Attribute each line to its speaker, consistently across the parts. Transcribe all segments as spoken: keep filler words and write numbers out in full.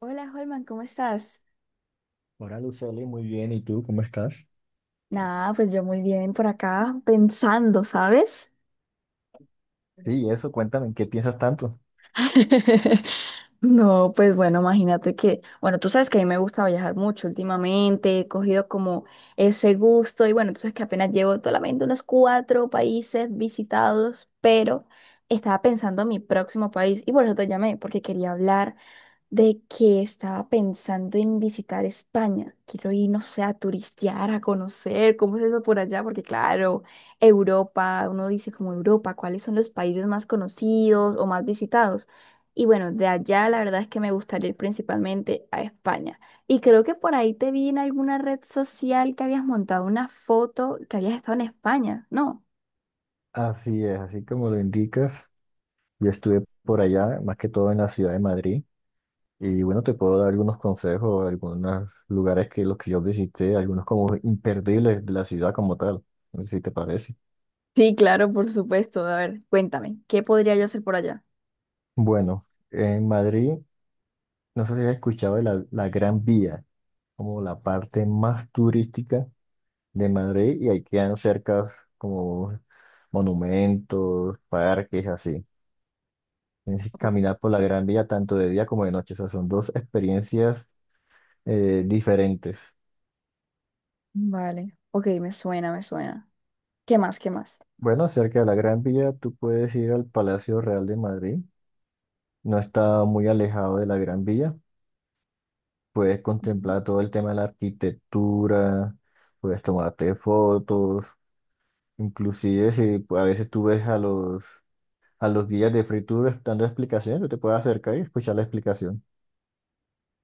Speaker 1: Hola, Holman, ¿cómo estás?
Speaker 2: Hola Lucely, muy bien. ¿Y tú cómo estás?
Speaker 1: Nada, pues yo muy bien por acá pensando, ¿sabes?
Speaker 2: Sí, eso, cuéntame, ¿en qué piensas tanto?
Speaker 1: No, pues bueno, imagínate que, bueno, tú sabes que a mí me gusta viajar mucho últimamente, he cogido como ese gusto y bueno, tú sabes que apenas llevo solamente unos cuatro países visitados, pero estaba pensando en mi próximo país y por eso te llamé, porque quería hablar de que estaba pensando en visitar España. Quiero ir, no sé, a turistear, a conocer cómo es eso por allá, porque claro, Europa, uno dice como Europa, ¿cuáles son los países más conocidos o más visitados? Y bueno, de allá la verdad es que me gustaría ir principalmente a España. Y creo que por ahí te vi en alguna red social que habías montado una foto que habías estado en España, ¿no?
Speaker 2: Así es, así como lo indicas, yo estuve por allá, más que todo en la ciudad de Madrid, y bueno, te puedo dar algunos consejos, algunos lugares que los que yo visité, algunos como imperdibles de la ciudad como tal, no sé si te parece.
Speaker 1: Sí, claro, por supuesto. A ver, cuéntame, ¿qué podría yo hacer por allá?
Speaker 2: Bueno, en Madrid, no sé si has escuchado de la, la Gran Vía, como la parte más turística de Madrid, y ahí quedan cercas como monumentos, parques, así. Tienes que caminar por la Gran Vía tanto de día como de noche. O sea, son dos experiencias eh, diferentes.
Speaker 1: Vale, ok, me suena, me suena. ¿Qué más? ¿Qué más?
Speaker 2: Bueno, cerca de la Gran Vía, tú puedes ir al Palacio Real de Madrid. No está muy alejado de la Gran Vía. Puedes
Speaker 1: Ujú.
Speaker 2: contemplar todo el tema de la arquitectura, puedes tomarte fotos. Inclusive si pues, a veces tú ves a los, a los guías de Free Tour dando explicaciones, tú te puedes acercar y escuchar la explicación.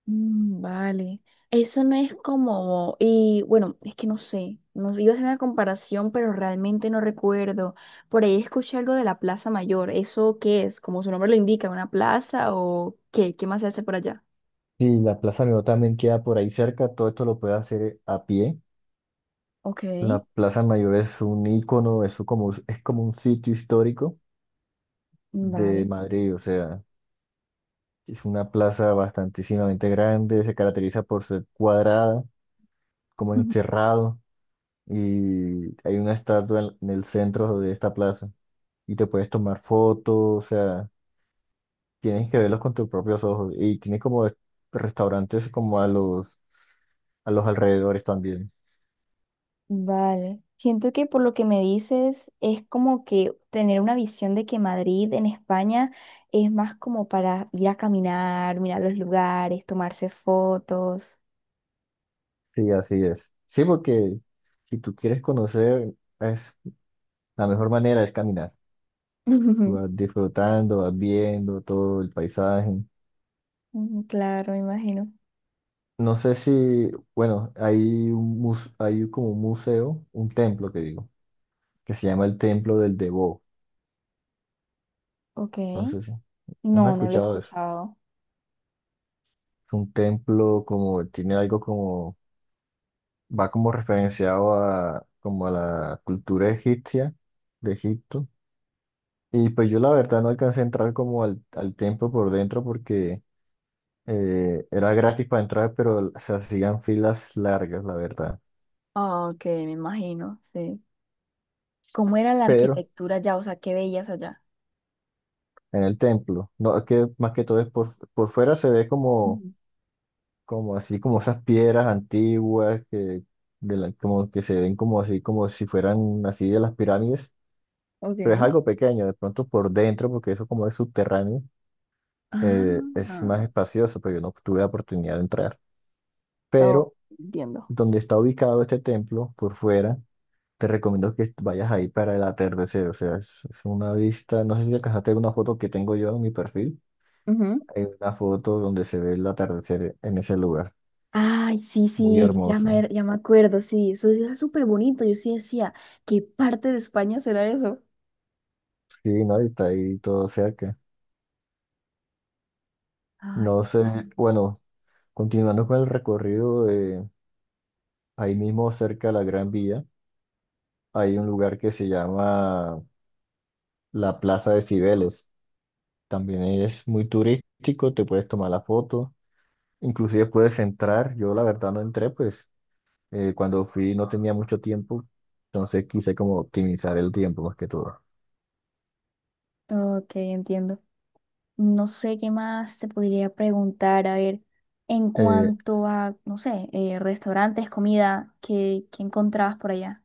Speaker 1: Mm, vale. Eso no es como, y bueno, es que no sé, no, iba a hacer una comparación, pero realmente no recuerdo. Por ahí escuché algo de la Plaza Mayor. ¿Eso qué es? Como su nombre lo indica, ¿una plaza o qué? ¿Qué más se hace por allá?
Speaker 2: Y la Plaza Mayor también queda por ahí cerca. Todo esto lo puedes hacer eh, a pie.
Speaker 1: Ok,
Speaker 2: La Plaza Mayor es un ícono, eso como, es como un sitio histórico de
Speaker 1: vale.
Speaker 2: Madrid, o sea, es una plaza bastantísimamente grande, se caracteriza por ser cuadrada, como
Speaker 1: Ujú.
Speaker 2: encerrado, y hay una estatua en, en el centro de esta plaza, y te puedes tomar fotos, o sea, tienes que verlos con tus propios ojos, y tiene como es- restaurantes como a los, a los alrededores también.
Speaker 1: Vale. Siento que por lo que me dices es como que tener una visión de que Madrid en España es más como para ir a caminar, mirar los lugares, tomarse fotos.
Speaker 2: Sí, así es. Sí, porque si tú quieres conocer, es, la mejor manera es caminar. Tú vas disfrutando, vas viendo todo el paisaje.
Speaker 1: Mm, claro, me imagino.
Speaker 2: No sé si, bueno, hay un mus- hay como un museo, un templo que digo, que se llama el Templo del Debo.
Speaker 1: Ok.
Speaker 2: No sé si, ¿no has
Speaker 1: No, no lo he
Speaker 2: escuchado de eso?
Speaker 1: escuchado.
Speaker 2: Es un templo como, tiene algo como, va como referenciado a, como a la cultura egipcia de Egipto. Y pues yo la verdad no alcancé a entrar como al, al templo por dentro porque eh, era gratis para entrar, pero se hacían filas largas, la verdad.
Speaker 1: Ah, ok, me imagino, sí. ¿Cómo era la
Speaker 2: Pero
Speaker 1: arquitectura allá? O sea, ¿qué veías allá?
Speaker 2: en el templo. No, es que más que todo es por, por fuera se ve como,
Speaker 1: Ujú.
Speaker 2: como así, como esas piedras antiguas que, de la- como que se ven como así, como si fueran así de las pirámides,
Speaker 1: Ok.
Speaker 2: pero es algo pequeño, de pronto por dentro, porque eso como es subterráneo, eh,
Speaker 1: Ah,
Speaker 2: es más espacioso, pero yo no tuve la oportunidad de entrar.
Speaker 1: oh,
Speaker 2: Pero
Speaker 1: entiendo.
Speaker 2: donde está ubicado este templo, por fuera, te recomiendo que vayas ahí para el atardecer, o sea, es, es una vista, no sé si alcanzaste una foto que tengo yo en mi perfil.
Speaker 1: Ujú.
Speaker 2: Hay una foto donde se ve el atardecer en ese lugar.
Speaker 1: Ay, sí,
Speaker 2: Muy
Speaker 1: sí, ya
Speaker 2: hermoso.
Speaker 1: me, ya me acuerdo, sí, eso era súper bonito. Yo sí decía, ¿qué parte de España será eso?
Speaker 2: Sí, no, y está ahí todo cerca.
Speaker 1: Ay,
Speaker 2: No sé, bueno, continuando con el recorrido, eh, ahí mismo cerca de la Gran Vía, hay un lugar que se llama la Plaza de Cibeles. También es muy turístico, te puedes tomar la foto, inclusive puedes entrar. Yo la verdad no entré, pues eh, cuando fui no tenía mucho tiempo, entonces quise como optimizar el tiempo más que todo.
Speaker 1: ok, entiendo. No sé qué más te podría preguntar. A ver, en
Speaker 2: Eh,
Speaker 1: cuanto a, no sé, eh, restaurantes, comida, ¿qué, qué encontrabas por allá?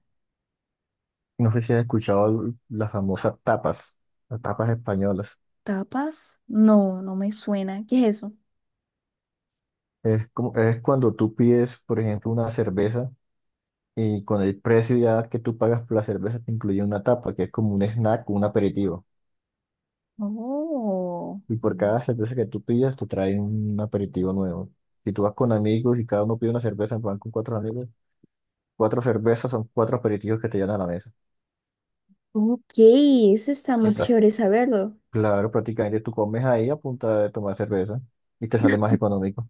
Speaker 2: No sé si has escuchado l- las famosas tapas, las tapas españolas.
Speaker 1: ¿Tapas? No, no me suena. ¿Qué es eso?
Speaker 2: Es como, es cuando tú pides, por ejemplo, una cerveza y con el precio ya que tú pagas por la cerveza te incluye una tapa, que es como un snack, un aperitivo.
Speaker 1: Oh,
Speaker 2: Y por cada cerveza que tú pidas te traen un aperitivo nuevo. Si tú vas con amigos y cada uno pide una cerveza, van con cuatro amigos, cuatro cervezas son cuatro aperitivos que te llevan a la mesa.
Speaker 1: ok, eso está
Speaker 2: Y
Speaker 1: muy
Speaker 2: pra-
Speaker 1: chévere saberlo.
Speaker 2: claro, prácticamente tú comes ahí a punta de tomar cerveza y te sale más económico.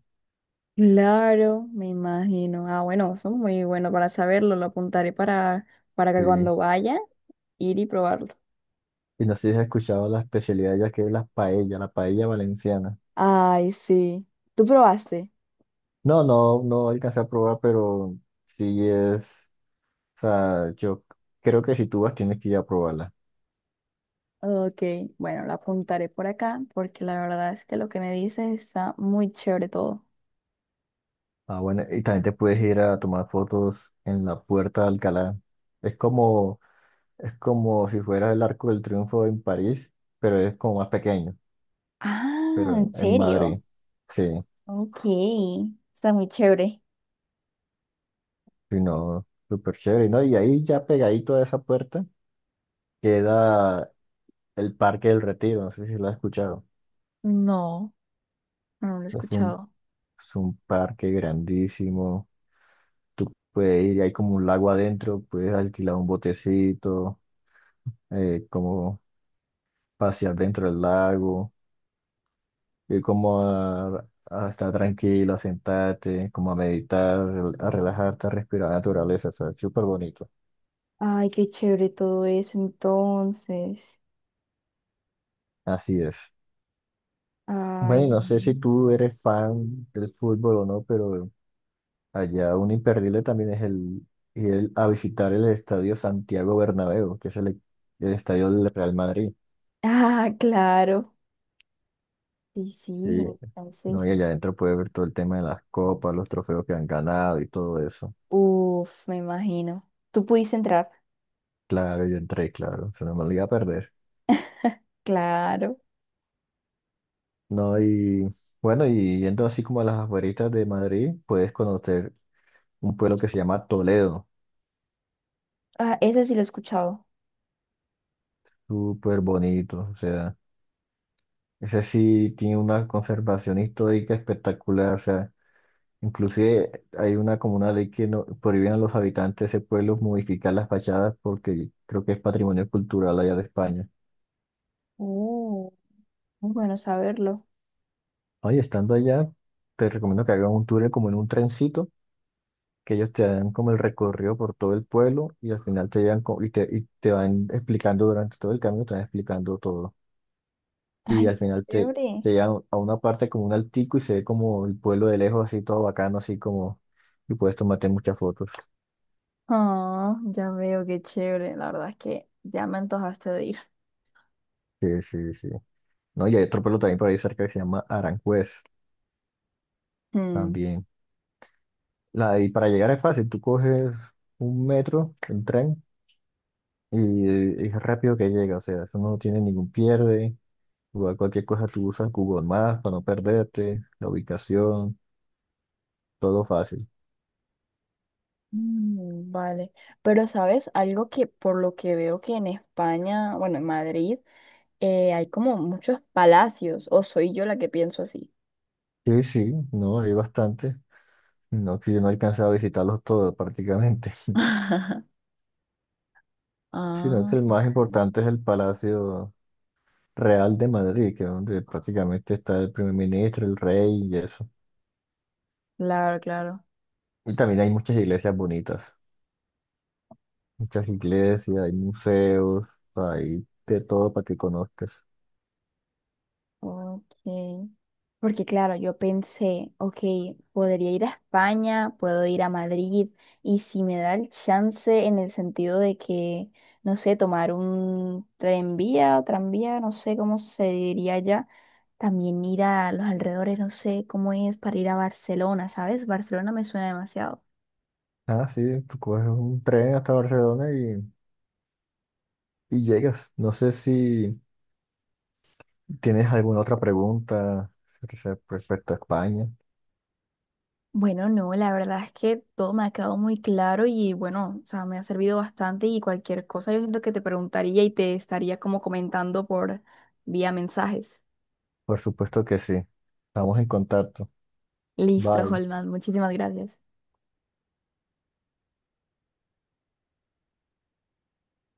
Speaker 1: Claro, me imagino. Ah, bueno, eso es muy bueno para saberlo. Lo apuntaré para, para que
Speaker 2: Sí.
Speaker 1: cuando vaya, ir y probarlo.
Speaker 2: Y no sé si has escuchado la especialidad ya que es la paella, la paella valenciana.
Speaker 1: Ay, sí. ¿Tú probaste?
Speaker 2: No, no, no alcancé a probar, pero sí es, o sea, yo creo que si tú vas tienes que ir a probarla.
Speaker 1: Ok, bueno, la apuntaré por acá porque la verdad es que lo que me dices está muy chévere todo.
Speaker 2: Ah, bueno, y también te puedes ir a tomar fotos en la Puerta de Alcalá. Es como, es como si fuera el Arco del Triunfo en París, pero es como más pequeño,
Speaker 1: Ah,
Speaker 2: pero
Speaker 1: ¿en
Speaker 2: en, en
Speaker 1: serio?
Speaker 2: Madrid. Sí,
Speaker 1: Ok, está muy chévere.
Speaker 2: sí, no, súper chévere, ¿no? Y ahí ya pegadito a esa puerta queda el Parque del Retiro, no sé si lo has escuchado.
Speaker 1: No, no lo he
Speaker 2: Es un,
Speaker 1: escuchado.
Speaker 2: es un parque grandísimo. Tú puedes ir, hay como un lago adentro, puedes alquilar un botecito, eh, como pasear dentro del lago, ir como a, a estar tranquilo, a sentarte, como a meditar, rel- a relajarte, a respirar la naturaleza, ¿sabes? Súper bonito.
Speaker 1: Ay, qué chévere todo eso entonces.
Speaker 2: Así es.
Speaker 1: Ay,
Speaker 2: Bueno, no sé si
Speaker 1: mm.
Speaker 2: tú eres fan del fútbol o no, pero allá un imperdible también es el ir a visitar el estadio Santiago Bernabéu, que es el el estadio del Real Madrid.
Speaker 1: Ah, claro. Sí, sí,
Speaker 2: Sí, no, y
Speaker 1: entonces.
Speaker 2: allá adentro puedes ver todo el tema de las copas, los trofeos que han ganado y todo eso.
Speaker 1: Uf, me imagino. ¿Tú pudiste entrar?
Speaker 2: Claro, yo entré, claro, se no me lo iba a perder.
Speaker 1: Claro.
Speaker 2: No, y bueno, y yendo así como a las afueritas de Madrid, puedes conocer un pueblo que se llama Toledo,
Speaker 1: Ah, ese sí lo he escuchado.
Speaker 2: súper bonito, o sea, ese sí tiene una conservación histórica espectacular, o sea, inclusive hay una como una ley que no prohíben a los habitantes de ese pueblo modificar las fachadas porque creo que es patrimonio cultural allá de España.
Speaker 1: Uh, muy bueno saberlo.
Speaker 2: Oye, estando allá, te recomiendo que hagan un tour como en un trencito, que ellos te dan como el recorrido por todo el pueblo y al final te llegan co- y te, y te van explicando durante todo el camino, te van explicando todo. Y
Speaker 1: Ay,
Speaker 2: al final te,
Speaker 1: chévere.
Speaker 2: te llevan a una parte como un altico y se ve como el pueblo de lejos, así todo bacano, así como, y puedes tomarte muchas fotos.
Speaker 1: Oh, ya veo, qué chévere. La verdad es que ya me antojaste de ir.
Speaker 2: Sí, sí, sí. No, y hay otro pueblo también por ahí cerca que se llama Aranjuez,
Speaker 1: Mm,
Speaker 2: también. La, y para llegar es fácil, tú coges un metro, un tren. Y eh, es rápido que llega, o sea, eso no tiene ningún pierde. Igual cualquier cosa tú usas Google Maps para no perderte, la ubicación, todo fácil.
Speaker 1: mm, vale. Pero, ¿sabes? Algo que por lo que veo que en España, bueno, en Madrid, eh, hay como muchos palacios. ¿O soy yo la que pienso así?
Speaker 2: Sí, sí, no, hay bastante. No, que yo no he alcanzado a visitarlos todos prácticamente, sino
Speaker 1: Ah,
Speaker 2: que el más
Speaker 1: ok.
Speaker 2: importante es el Palacio Real de Madrid, que es donde prácticamente está el primer ministro, el rey y eso.
Speaker 1: Claro, claro.
Speaker 2: Y también hay muchas iglesias bonitas, muchas iglesias, hay museos, hay de todo para que conozcas.
Speaker 1: Ok. Porque claro, yo pensé, ok, podría ir a España, puedo ir a Madrid, y si me da el chance en el sentido de que, no sé, tomar un tranvía o tranvía, no sé cómo se diría ya, también ir a los alrededores, no sé cómo es para ir a Barcelona, ¿sabes? Barcelona me suena demasiado.
Speaker 2: Ah, sí, tú coges un tren hasta Barcelona y, y llegas. No sé si tienes alguna otra pregunta re- respecto a España.
Speaker 1: Bueno, no, la verdad es que todo me ha quedado muy claro y bueno, o sea, me ha servido bastante y cualquier cosa yo siento que te preguntaría y te estaría como comentando por vía mensajes.
Speaker 2: Por supuesto que sí. Estamos en contacto.
Speaker 1: Listo,
Speaker 2: Bye.
Speaker 1: Holman, muchísimas gracias.